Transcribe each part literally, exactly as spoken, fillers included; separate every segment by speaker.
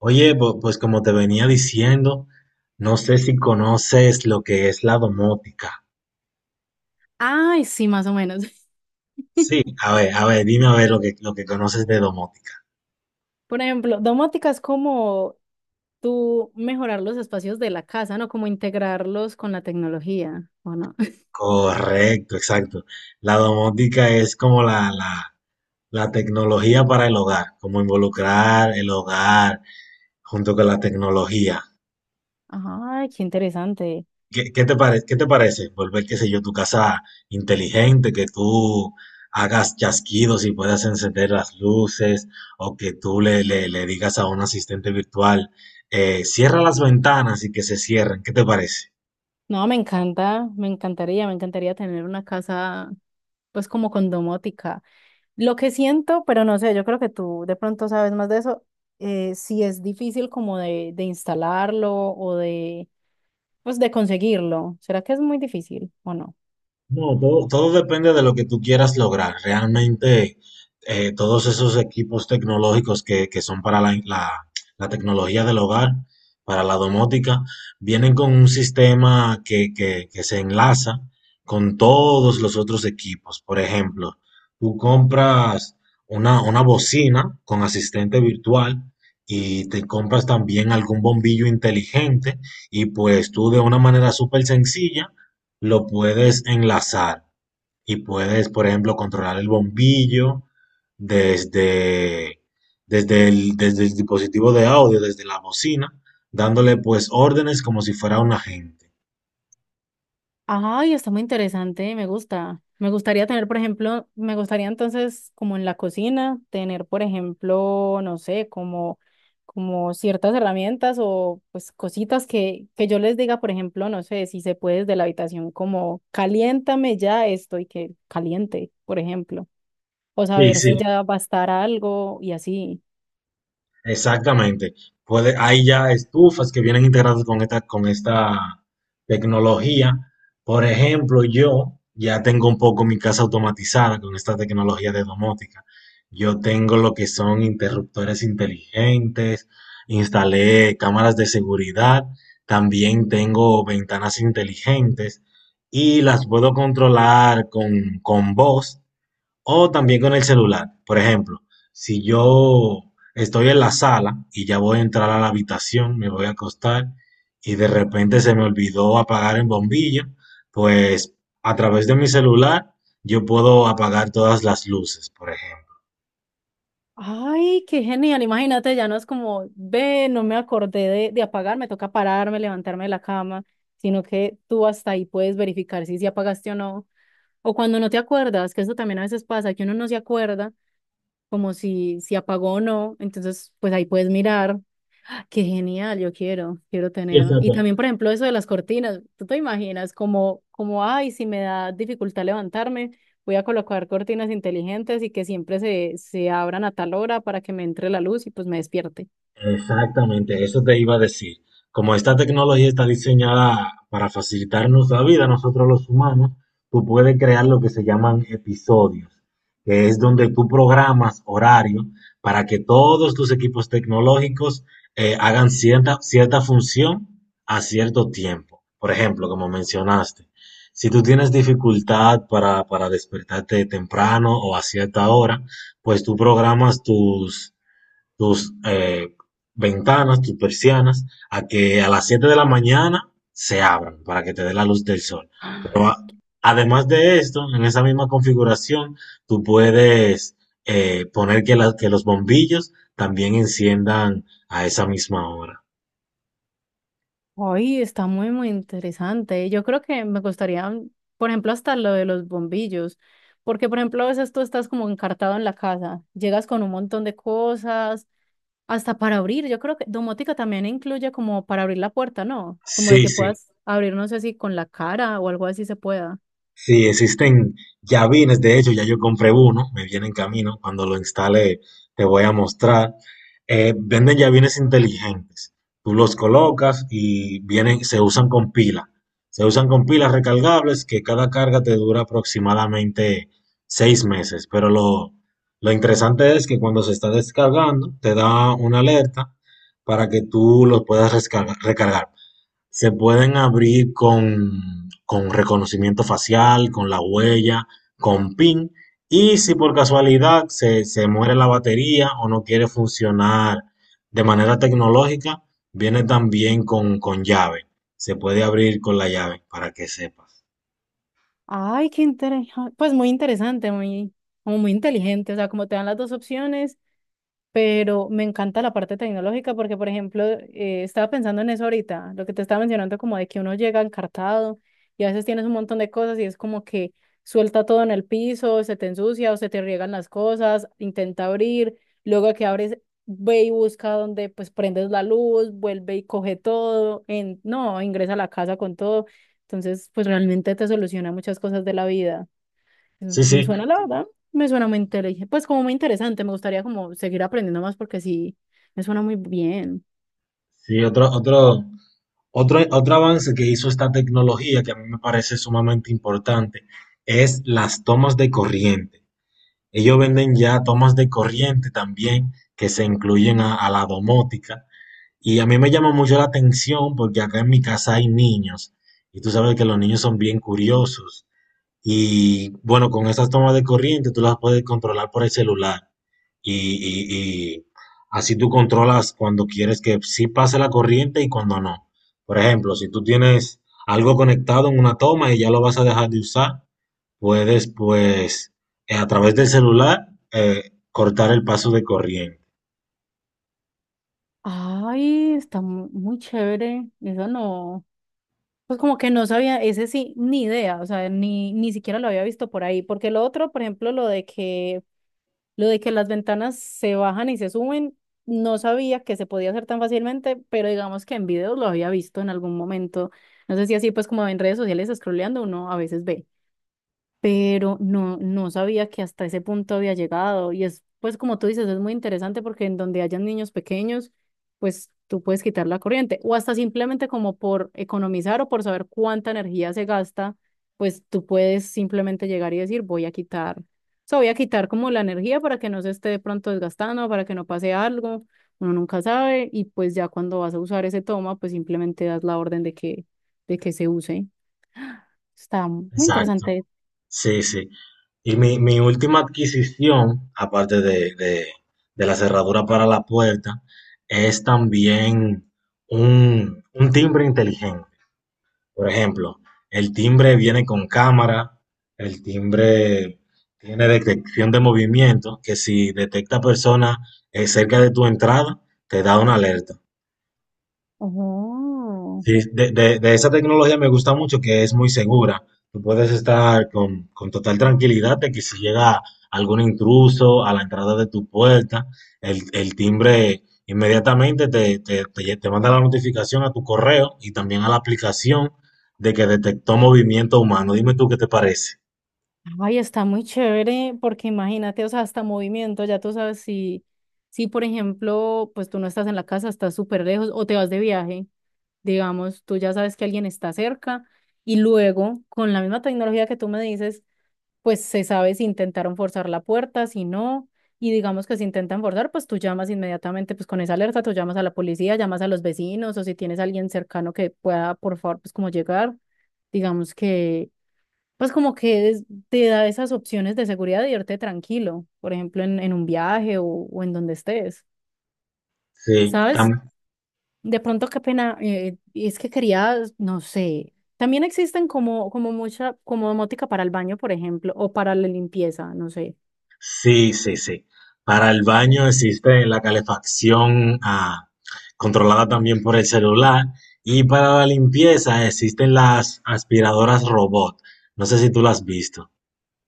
Speaker 1: Oye, pu- pues como te venía diciendo, no sé si conoces lo que es la domótica.
Speaker 2: Ay, sí, más o menos.
Speaker 1: Sí, a ver, a ver, dime a ver lo que, lo que conoces de domótica.
Speaker 2: Por ejemplo, domótica es como tú mejorar los espacios de la casa, ¿no? Como integrarlos con la tecnología, ¿o no?
Speaker 1: Correcto, exacto. La domótica es como la, la, la tecnología para el hogar, como involucrar el hogar junto con la tecnología.
Speaker 2: Ay, qué interesante.
Speaker 1: ¿Qué, qué te pare- qué te parece? Volver, qué sé yo, tu casa inteligente, que tú hagas chasquidos y puedas encender las luces, o que tú le, le- le digas a un asistente virtual, eh, cierra las ventanas y que se cierren. ¿Qué te parece?
Speaker 2: No, me encanta, me encantaría, me encantaría tener una casa, pues como con domótica. Lo que siento, pero no sé, yo creo que tú de pronto sabes más de eso, eh, si es difícil como de, de instalarlo o de, pues de conseguirlo. ¿Será que es muy difícil o no?
Speaker 1: No, todo, todo depende de lo que tú quieras lograr. Realmente, eh, todos esos equipos tecnológicos que, que son para la, la- la tecnología del hogar, para la domótica, vienen con un sistema que, que- que se enlaza con todos los otros equipos. Por ejemplo, tú compras una, una bocina con asistente virtual y te compras también algún bombillo inteligente y pues tú de una manera súper sencilla lo puedes enlazar y puedes, por ejemplo, controlar el bombillo desde, desde el, desde el dispositivo de audio, desde la bocina, dándole pues órdenes como si fuera un agente.
Speaker 2: Ay, está muy interesante, me gusta. Me gustaría tener, por ejemplo, me gustaría entonces, como en la cocina, tener, por ejemplo, no sé, como, como ciertas herramientas o pues cositas que, que yo les diga, por ejemplo, no sé, si se puede desde la habitación, como caliéntame ya esto y que caliente, por ejemplo. O
Speaker 1: Sí,
Speaker 2: saber
Speaker 1: sí.
Speaker 2: si ya va a estar algo y así.
Speaker 1: Exactamente. Puede, hay ya estufas que vienen integradas con esta, con esta tecnología. Por ejemplo, yo ya tengo un poco mi casa automatizada con esta tecnología de domótica. Yo tengo lo que son interruptores inteligentes, instalé cámaras de seguridad, también tengo ventanas inteligentes y las puedo controlar con, con voz. O también con el celular. Por ejemplo, si yo estoy en la sala y ya voy a entrar a la habitación, me voy a acostar y de repente se me olvidó apagar el bombillo, pues a través de mi celular yo puedo apagar todas las luces, por ejemplo.
Speaker 2: Ay, qué genial, imagínate, ya no es como, ve, no me acordé de, de apagar, me toca pararme, levantarme de la cama, sino que tú hasta ahí puedes verificar si, si apagaste o no. O cuando no te acuerdas, que eso también a veces pasa, que uno no se acuerda como si, si apagó o no, entonces pues ahí puedes mirar. Qué genial, yo quiero, quiero
Speaker 1: Sí,
Speaker 2: tener. Y
Speaker 1: exacto.
Speaker 2: también, por ejemplo, eso de las cortinas, ¿tú te imaginas como, como, ay, si me da dificultad levantarme, voy a colocar cortinas inteligentes y que siempre se, se abran a tal hora para que me entre la luz y pues me despierte?
Speaker 1: Exactamente, eso te iba a decir. Como esta tecnología está diseñada para facilitarnos la vida, nosotros los humanos, tú puedes crear lo que se llaman episodios, que es donde tú programas horario para que todos tus equipos tecnológicos eh, hagan cierta, cierta función a cierto tiempo. Por ejemplo, como mencionaste, si tú tienes dificultad para, para despertarte temprano o a cierta hora, pues tú programas tus tus eh, ventanas, tus persianas, a que a las siete de la mañana se abran para que te dé la luz del sol.
Speaker 2: ¡Ah!
Speaker 1: Pero a- además de esto, en esa misma configuración, tú puedes eh, poner que, la- que los bombillos también enciendan a esa misma hora.
Speaker 2: Ay, está muy, muy interesante. Yo creo que me gustaría, por ejemplo, hasta lo de los bombillos, porque, por ejemplo, a veces tú estás como encartado en la casa, llegas con un montón de cosas. Hasta para abrir, yo creo que domótica también incluye como para abrir la puerta, ¿no? Como de
Speaker 1: Sí,
Speaker 2: que
Speaker 1: sí.
Speaker 2: puedas abrir, no sé si con la cara o algo así se pueda.
Speaker 1: Sí, existen llavines, de hecho, ya yo compré uno, me viene en camino, cuando lo instale te voy a mostrar. Eh, venden llavines inteligentes, tú los colocas y vienen, se usan con pila, se usan con pilas recargables que cada carga te dura aproximadamente seis meses, pero lo, lo interesante es que cuando se está descargando te da una alerta para que tú lo puedas rescarga- recargar. Se pueden abrir con con reconocimiento facial, con la huella, con PIN. Y si por casualidad se, se muere la batería o no quiere funcionar de manera tecnológica, viene también con, con llave. Se puede abrir con la llave para que sepas.
Speaker 2: Ay, qué interesante, pues muy interesante, muy, como muy inteligente, o sea, como te dan las dos opciones, pero me encanta la parte tecnológica porque, por ejemplo, eh, estaba pensando en eso ahorita, lo que te estaba mencionando, como de que uno llega encartado y a veces tienes un montón de cosas y es como que suelta todo en el piso, se te ensucia o se te riegan las cosas, intenta abrir, luego que abres, ve y busca donde pues prendes la luz, vuelve y coge todo, en, no, ingresa a la casa con todo. Entonces, pues realmente te soluciona muchas cosas de la vida.
Speaker 1: Sí,
Speaker 2: Me
Speaker 1: sí,
Speaker 2: suena, la verdad, me suena muy interesante. Pues como muy interesante, me gustaría como seguir aprendiendo más porque sí, me suena muy bien.
Speaker 1: sí, otro, otro, otro, otro avance que hizo esta tecnología que a mí me parece sumamente importante es las tomas de corriente. Ellos venden ya tomas de corriente también que se incluyen a, a la domótica. Y a mí me llama mucho la atención porque acá en mi casa hay niños y tú sabes que los niños son bien curiosos. Y bueno, con esas tomas de corriente tú las puedes controlar por el celular. Y, y- y así tú controlas cuando quieres que sí pase la corriente y cuando no. Por ejemplo, si tú tienes algo conectado en una toma y ya lo vas a dejar de usar, puedes pues eh, a través del celular eh, cortar el paso de corriente.
Speaker 2: Ay, está mu- muy chévere. Eso no, pues como que no sabía, ese sí, ni idea, o sea, ni, ni siquiera lo había visto por ahí. Porque lo otro, por ejemplo, lo de que, lo de que las ventanas se bajan y se suben, no sabía que se podía hacer tan fácilmente, pero digamos que en videos lo había visto en algún momento. No sé si así, pues como en redes sociales, scrolleando, uno a veces ve, pero no, no sabía que hasta ese punto había llegado. Y es, pues como tú dices, es muy interesante porque en donde hayan niños pequeños, pues tú puedes quitar la corriente o hasta simplemente como por economizar o por saber cuánta energía se gasta, pues tú puedes simplemente llegar y decir, voy a quitar, o sea, voy a quitar como la energía para que no se esté de pronto desgastando, para que no pase algo, uno nunca sabe y pues ya cuando vas a usar ese toma, pues simplemente das la orden de que, de que se use. Está muy
Speaker 1: Exacto.
Speaker 2: interesante.
Speaker 1: Sí, sí. Y mi, mi última adquisición, aparte de, de- de la cerradura para la puerta, es también un, un timbre inteligente. Por ejemplo, el timbre viene con cámara, el timbre tiene detección de movimiento, que si detecta personas eh, cerca de tu entrada, te da una alerta.
Speaker 2: Oh,
Speaker 1: Sí, de, de- de esa tecnología me gusta mucho que es muy segura. Tú puedes estar con con total tranquilidad de que si llega algún intruso a la entrada de tu puerta, el, el timbre inmediatamente te, te, te- te manda la notificación a tu correo y también a la aplicación de que detectó movimiento humano. Dime tú qué te parece.
Speaker 2: ay, está muy chévere porque imagínate, o sea, hasta movimiento, ya tú sabes si, si por ejemplo, pues tú no estás en la casa, estás súper lejos o te vas de viaje, digamos, tú ya sabes que alguien está cerca y luego con la misma tecnología que tú me dices, pues se sabe si intentaron forzar la puerta, si no, y digamos que si intentan forzar, pues tú llamas inmediatamente, pues con esa alerta, tú llamas a la policía, llamas a los vecinos o si tienes a alguien cercano que pueda, por favor, pues como llegar, digamos que pues como que es- te da esas opciones de seguridad de irte tranquilo, por ejemplo, en, en un viaje o, o en donde estés,
Speaker 1: Sí,
Speaker 2: ¿sabes?
Speaker 1: tam-
Speaker 2: De pronto, qué pena, eh, y es que quería, no sé, también existen como, como mucha, como domótica para el baño, por ejemplo, o para la limpieza, no sé.
Speaker 1: sí, sí, sí. Para el baño existe la calefacción ah, controlada también por el celular y para la limpieza existen las aspiradoras robot. No sé si tú las has visto.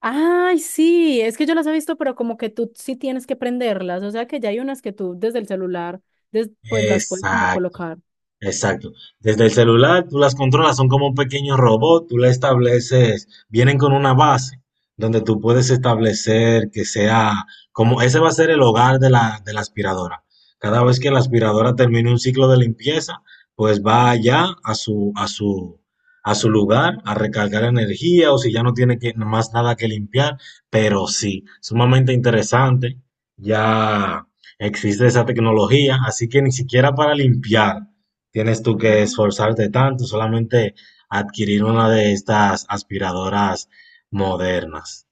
Speaker 2: Ay, sí, es que yo las he visto, pero como que tú sí tienes que prenderlas, o sea que ya hay unas que tú desde el celular, des- pues las puedes como
Speaker 1: Exacto.
Speaker 2: colocar.
Speaker 1: Exacto. Desde el celular tú las controlas, son como un pequeño robot, tú le estableces, vienen con una base donde tú puedes establecer que sea como ese va a ser el hogar de la, de la aspiradora. Cada vez que la aspiradora termine un ciclo de limpieza, pues va allá a su, a su, a su lugar a recargar energía o si ya no tiene que- más nada que limpiar, pero sí, sumamente interesante. Ya existe esa tecnología, así que ni siquiera para limpiar tienes tú
Speaker 2: Ajá.
Speaker 1: que esforzarte tanto, solamente adquirir una de estas aspiradoras modernas.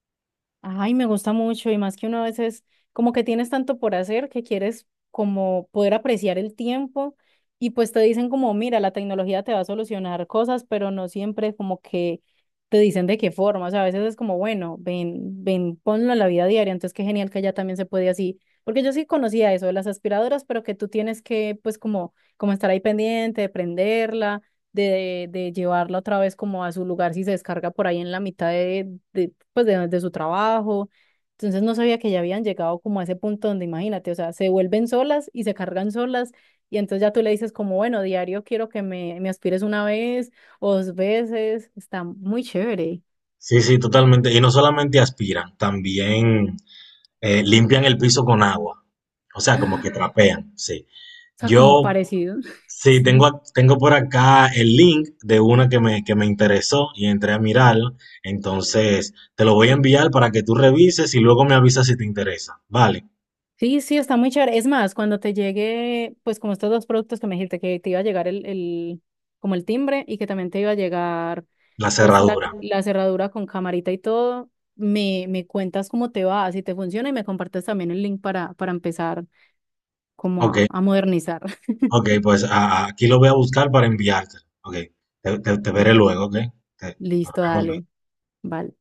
Speaker 2: Ay, me gusta mucho y más que uno a veces como que tienes tanto por hacer que quieres como poder apreciar el tiempo y pues te dicen como, mira, la tecnología te va a solucionar cosas, pero no siempre como que te dicen de qué forma, o sea, a veces es como, bueno, ven, ven, ponlo en la vida diaria, entonces qué genial que ya también se puede así, porque yo sí conocía eso de las aspiradoras, pero que tú tienes que pues como, como estar ahí pendiente, prenderla de, de llevarla otra vez como a su lugar si se descarga por ahí en la mitad de, de, pues de, de su trabajo. Entonces no sabía que ya habían llegado como a ese punto donde imagínate, o sea, se vuelven solas y se cargan solas y entonces ya tú le dices como, bueno, diario quiero que me, me aspires una vez o dos veces, está muy chévere,
Speaker 1: Sí, sí, totalmente. Y no solamente aspiran, también eh, limpian el piso con agua. O sea, como que trapean, sí.
Speaker 2: o sea, como
Speaker 1: Yo,
Speaker 2: parecido.
Speaker 1: sí, tengo,
Speaker 2: Sí.
Speaker 1: ac- tengo por acá el link de una que me, que me interesó y entré a mirarla. Entonces, te lo voy a enviar para que tú revises y luego me avisas si te interesa. Vale,
Speaker 2: Sí, sí, está muy chévere. Es más, cuando te llegue, pues como estos dos productos que me dijiste, que te iba a llegar el, el, como el timbre y que también te iba a llegar,
Speaker 1: la
Speaker 2: pues la,
Speaker 1: cerradura.
Speaker 2: la cerradura con camarita y todo, me, me cuentas cómo te va, si te funciona y me compartes también el link para, para empezar como
Speaker 1: Ok,
Speaker 2: a, a modernizar.
Speaker 1: Ok, pues a- a- aquí lo voy a buscar para enviártelo. Ok, te, te- te veré luego, ok. Te- Nos
Speaker 2: Listo,
Speaker 1: vemos.
Speaker 2: dale, vale.